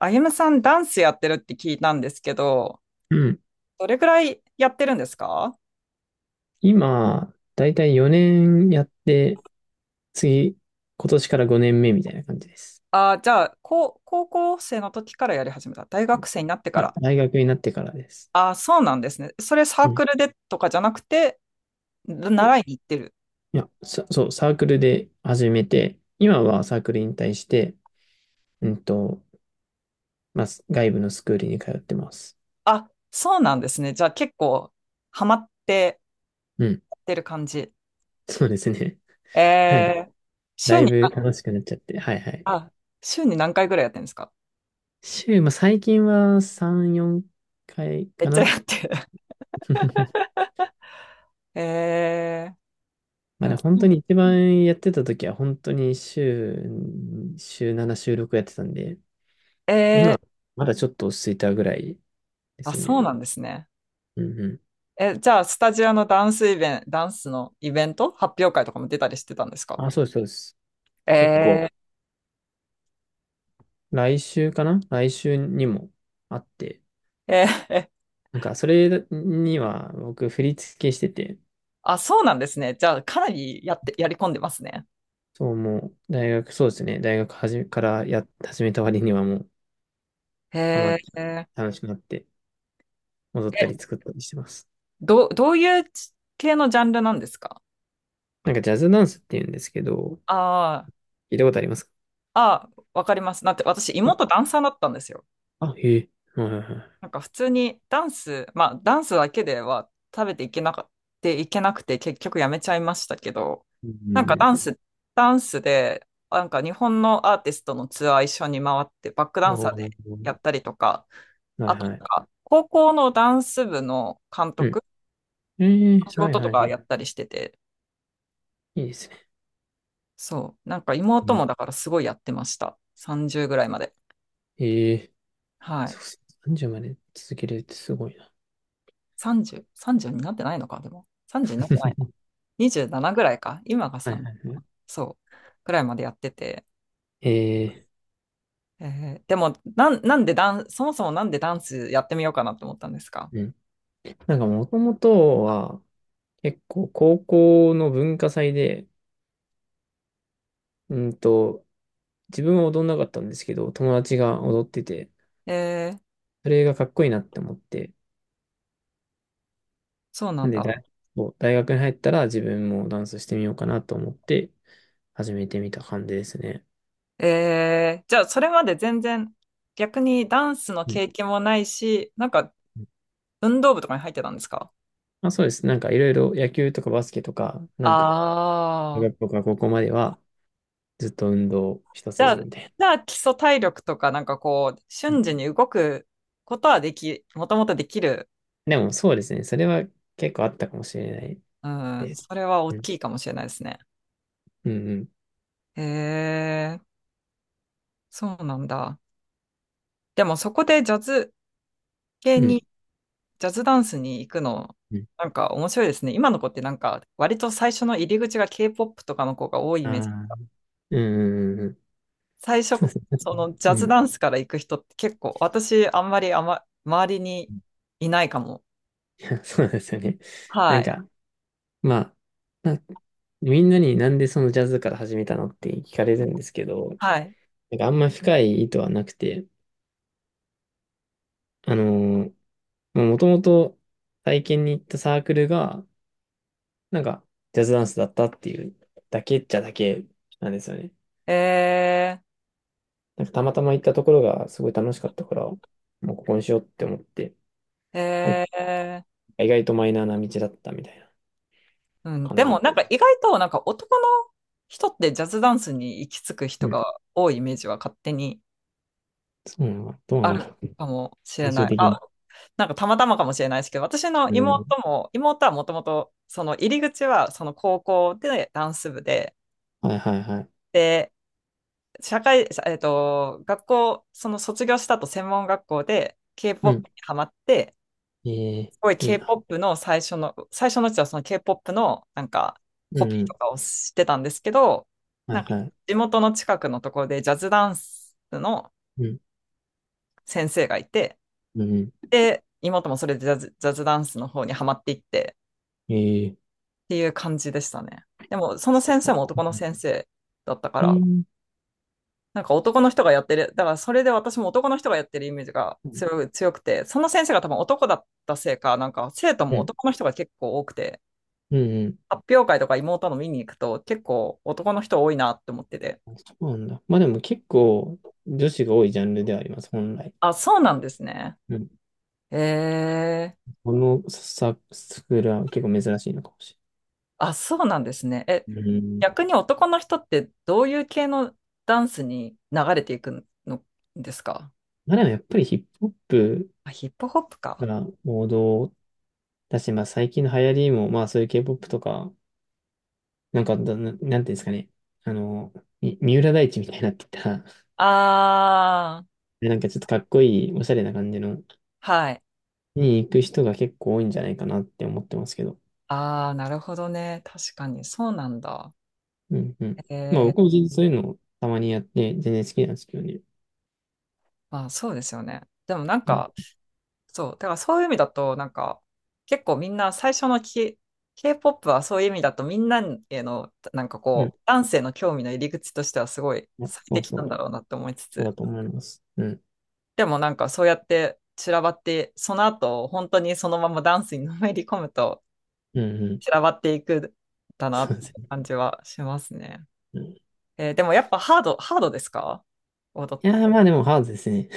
あゆむさん、ダンスやってるって聞いたんですけど、うん。どれくらいやってるんですか？今、だいたい4年やって、次、今年から5年目みたいな感じです。じゃあ、高校生の時からやり始めた。大うん、学い生になってかや、ら。大学になってからです。そうなんですね。それサうーん。クルでとかじゃなくて、あ、習いに行ってる。いや、そう、サークルで始めて、今はサークル引退して、うんと、まあ、外部のスクールに通ってます。あ、そうなんですね。じゃあ、結構、ハマってうん。やってる感じ。そうですね。なんか、えー、だ週いに、ぶ楽しくなっちゃって、はいはい。あ、週に何回ぐらいやってるんですか？週、まあ、最近は3、4回めっかちゃな。やってる。えいまあね、や、本当に一番やってた時は本当に週7、週6やってたんで、えー、今、まだちょっと落ち着いたぐらいであ、すそね。うなんですね。うんうん。じゃあ、スタジオのダンスイベント、ダンスのイベント発表会とかも出たりしてたんですか？あ、そうです、そうです。結構、え来週かな、来週にもあって、ー、えー、なんか、それには僕、振り付けしてて、あ、そうなんですね。じゃあ、かなりやって、やり込んでますね。そう、もう、大学、そうですね、大学はじめから始めた割にはもう、ハマっへて、え。楽しくなって、戻ったり作ったりしてます。どういう系のジャンルなんですか？なんか、ジャズダンスって言うんですけど、ああー。聞いたことありますか？あー、わかります。だって、私、妹ダンサーだったんですよ。あ、へえ。はいはいはい。なんか普通にダンス、まあダンスだけでは食べていけなかっていけなくて結局やめちゃいましたけど、うなんかダん。ンス、ダンスで、なんか日本のアーティストのツアー一緒に回ってバックダンおサーでやー、ったりとか、はいあとはない。んか高校のダンス部の監うん。督えのえ、仕はい事とはいかはい。やったりしてて、いいですね。そう、なんかう妹ん。もだからすごいやってました。30ぐらいまで。ええ、はそい。うそう。さんじゅうまで続けれるってすごいな。30、30になってないのか、でも。30になってないな。27ぐらいか。今がはさいんじはゅういはい。そう、くらいまでやってて。ええ、えでもなんでダン、そもそもなんでダンスやってみようかなって思ったんですか？うん。なんかもともとは、結構高校の文化祭で、うんと、自分は踊んなかったんですけど、友達が踊ってて、えーそれがかっこいいなって思って、そうななんんでだ。そう、大学に入ったら自分もダンスしてみようかなと思って、始めてみた感じですね。じゃあそれまで全然逆にダンスのうん経験もないし、なんかうん。運動部とかに入ってたんですか？まあ、そうです。なんかいろいろ野球とかバスケとか、なんか、中ああ。学校から高校まではずっと運動一筋じみたいな。ゃあ基礎体力とかなんかこう、うん。瞬時に動くことはでき、もともとできる。でもそうですね。それは結構あったかもしれないうん、です。それは大うん。きいかもしれないですね。うんうん。へえ、そうなんだ。でもそこでう系にん。ジャズダンスに行くの、うん。なんか面白いですね。今の子ってなんか割と最初の入り口が K-POP とかの子が多いイあメージ。あ。うんうん最初、そのジうャズん。ダンスから行く人って結構、私あんまり周りにいないかも。そうですね。うん。いや、そうなはんでい。すよね。なんか、まあ、なみんなになんでそのジャズから始めたのって聞かれるんですけど、はい。なんかあんま深い意図はなくて、あのーまあ、もともと体験に行ったサークルが、なんか、ジャズダンスだったっていうだけっちゃだけなんですよね。えなんか、たまたま行ったところがすごい楽しかったから、もうここにしようって思って、ー、はい、えー、意外とマイナーな道だったみたいなうん。感でじもでなんすかね。意外となんか男の人ってジャズダンスに行き着く人うん。が多いイメージは勝手にそうなんだ。どうなあんだるろう。かもしれ最終ない。的あ、に。なんかたまたまかもしれないですけど、私のうん。妹も、妹はもともと、その入り口はその高校でダンス部で、はいはいはい。で、その卒業した後専門学校で うん。K-POP にハマって、ええ、すごい いいな。K-POP の最初のうちはその K-POP のなんかうコピーとん。かをしてたんですけど、はないんかはい。地元の近くのところでジャズダンスのうん。先生がいて、うん。で、妹もそれでジャズダンスの方にハマっていって、ええ、っていう感じでしたね。でも、そのそう先生か。もう男のん。先生だったかえら、ー。なんか男の人がやってる、だからそれで私も男の人がやってるイメージがうん。強くて、その先生が多分男だったせいか、なんか生徒うもん。男の人が結構多くて、うん。発表会とか妹の見に行くと結構男の人多いなって思ってて。そうなんだ。まあでも結構女子が多いジャンルではあります、本来。あ、そうなんですね。うん。えー、このスクールは結構珍しいのかもしあ、そうなんですね。れない。うん。逆に男の人ってどういう系のダンスに流れていくのですか？まあでもやっぱりヒップホップあ、ヒップホップか。が王道だし、まあ最近の流行りも、まあそういう K-POP とか、なんかだな、なんていうんですかね。あの、三浦大知みたいになってたああ、で、なんかちょっとかっこいい、おしゃれな感じの、はい。に行く人が結構多いんじゃないかなって思ってますけど。ああ、なるほどね。確かに、そうなんだ。うんうん。えまあえ、僕も全然そういうのをたまにやって、全然好きなんですけどね。まあ、そうですよね。でもなんうんか、うん。そう、だからそういう意味だと、なんか、結構みんな最初のK-POP はそういう意味だと、みんなへの、なんかこう、男性の興味の入り口としてはすごいや、最そう適そなんう。だろうなって思いつそうだつ、と思います。うん。でもなんかそうやって散らばって、その後、本当にそのままダンスにのめり込むとうんうん。散らばっていくんだ なそっうでていうすね。感じはしますね。うん、いでもやっぱハードですか？踊っやー、まあでもハードですね。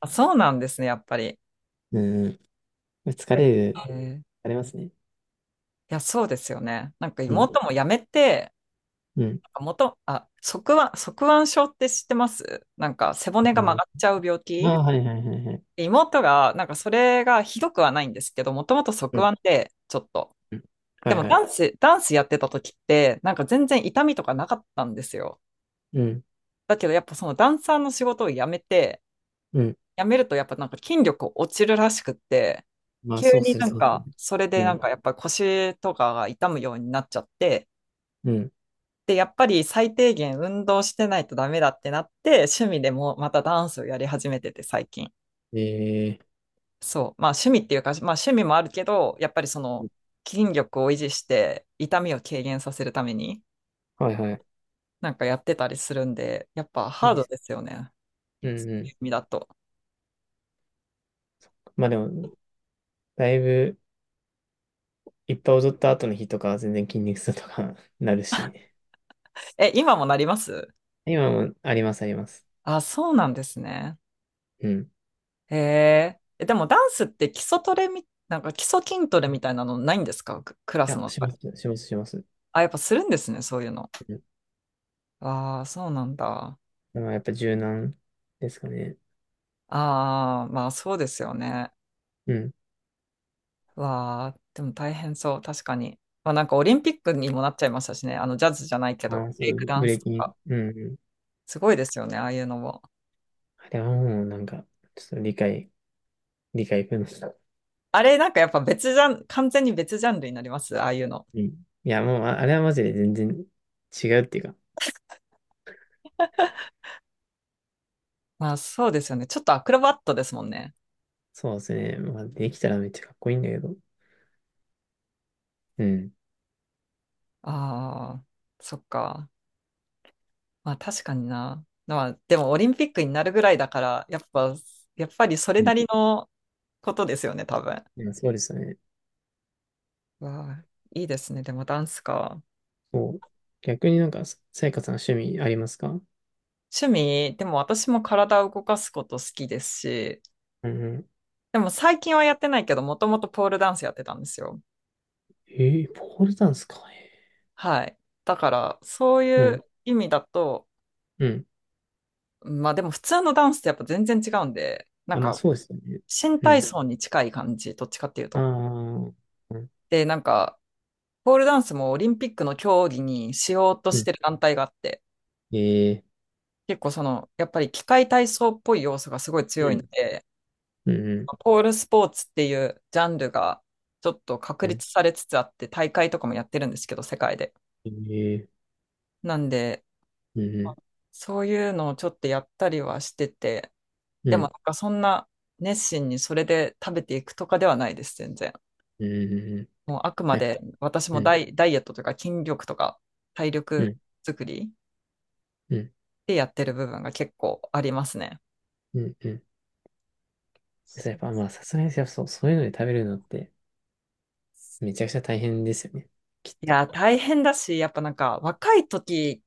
あ、そうなんですね、やっぱり。うんうん。疲えれる、ー疲れますね。いや、そうですよね。なんかうん。妹もやめて、うん。あ、側腕症って知ってます？なんか背わ骨かがん曲ない。がっちゃう病あ気？あ、はいはいはいはい。妹が、なんかそれがひどくはないんですけど、もともとうん。側腕で、ちょっと。うん。はでいもはい。ダンスやってた時って、なんか全然痛みとかなかったんですよ。うん。だけどやっぱそのダンサーの仕事を辞めて、うん。やめるとやっぱなんか筋力落ちるらしくって、まあ急そうにするなんそうですね。か、それでうなんん。かやっぱ腰とかが痛むようになっちゃって、うん。で、やっぱり最低限運動してないとダメだってなって、趣味でもまたダンスをやり始めてて最近。えそう。まあ趣味っていうか、まあ趣味もあるけど、やっぱりそのー。筋力を維持して痛みを軽減させるために、はいはい。なんかやってたりするんで、やっぱいいハーでドす。ですよね。うんう趣ん。味だと。まあでも、だいぶ、いっぱい踊った後の日とかは全然筋肉痛とか なるし。え、今もなります？今もあります、あります。あ、そうなんですね。うん。いへえ。でもダンスって基礎トレみ、なんか基礎筋トレみたいなのないんですか？クラスや、のし中まで。す、します、します。あ、やっぱするんですね、そういうの。ああ、そうなんだ。まあ、やっぱ柔軟ですかね。ああ、まあそうですよね。うん。わあ、でも大変そう、確かに。まあなんかオリンピックにもなっちゃいましたしね、あのジャズじゃないけど、ああ、ブそレイクう、ダブンレスーとキに。か。うんうん。すごいですよね、ああいうのも。あれはもうなんか、ちょっと理解不能だ。あれ、なんかやっぱ別ジャン、完全に別ジャンルになります、ああいうの。うん。いや、もう、あれはマジで全然違うっていうか、まあそうですよね。ちょっとアクロバットですもんね。そうですね。まあ、できたらめっちゃかっこいいんだけど。うん。ああ、そっか。まあ確かにな。まあでもオリンピックになるぐらいだから、やっぱりそれうん。ないりのことですよね、多分。や、そうですね。わあ、いいですね。でもダンスか。そう。逆になんか、ささやかさん趣味ありますか？うん趣味、でも私も体を動かすこと好きですし、うん。でも最近はやってないけど、もともとポールダンスやってたんですよ。ええ、ポールダンスか。えはい。だから、そうー。ういん。う意味だと、うん。いまあでも普通のダンスってやっぱ全然違うんで、なんや、まあ、か、そうですよね。新う体ん。操に近い感じ、どっちかっていうあと。あ。うん。で、なんか、ポールダンスもオリンピックの競技にしようとうしん。てる団体があって、ええ。結構その、やっぱり器械体操っぽい要素がすごいう強いのん。で、うん。ポールスポーツっていうジャンルがちょっと確うん。立されつつあって、大会とかもやってるんですけど、世界で。ええ。なんで、うんそういうのをちょっとやったりはしてて、うでもなんんかそんな熱心にそれで食べていくとかではないです、全然。うんうんうん。もうあくまはい。で私もうんダイエットというか筋力とか体う力ん作りうんでやってる部分が結構ありますね。うんうん。そう、やそっうぱまあさすがに、そう、そういうので食べるのってめちゃくちゃ大変ですよね。きっいと。や、大変だし、やっぱなんか若い時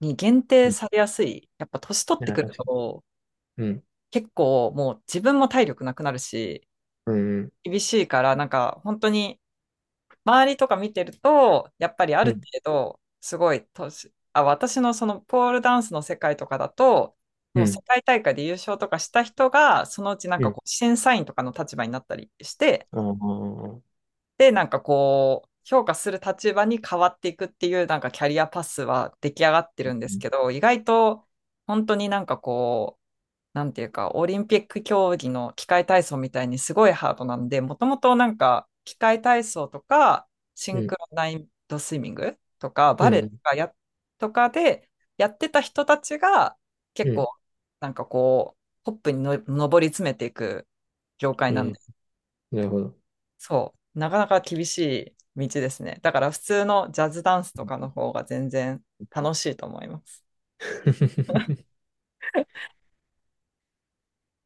に限定うん。されやすい。やっぱ年取っだてからくる確かに。と、うん。結構もう自分も体力なくなるし、うん厳しいから、なんか本当に周りとか見てると、やっぱりあうる程ん度、すごい年、あ、私のそのポールダンスの世界とかだと、もうう世ん界大会で優勝とかした人が、そのうちなんうかん。こう審査員とかの立場になったりして、ああ。で、なんかこう、評価する立場に変わっていくっていう、なんかキャリアパスは出来上がってうるんですんけど、意外と、本当になんかこう、なんていうか、オリンピック競技の器械体操みたいにすごいハードなんで、もともとなんか、器械体操とか、シうンんクロナイトスイミングとか、うバレエとんかとかで、やってた人たちが、う結ん。構、なんかこう、トップにの上り詰めていく業界うなんん。です。なるほど。そう、なかなか厳しい道ですね。だから普通のジャズダンスとかの方が全然楽しいと思います。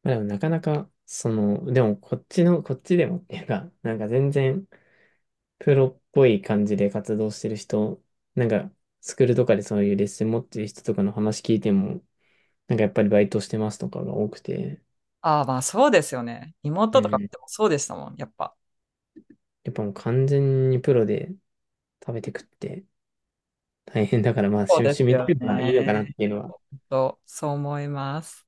まあでもなかなか、その、でもこっちでもっていうか、なんか全然プロっぽい感じで活動してる人、なんか、スクールとかでそういうレッスン持ってる人とかの話聞いても、なんかやっぱりバイトしてますとかが多くて、ああ、まあそうですよね。う妹とかん。でもそうでしたもん、やっぱ。やっぱもう完全にプロで食べてくって大変だから、まあそう趣味、で 趣すよ味程度がいいのかなっね。ていうのはそう、そう思います。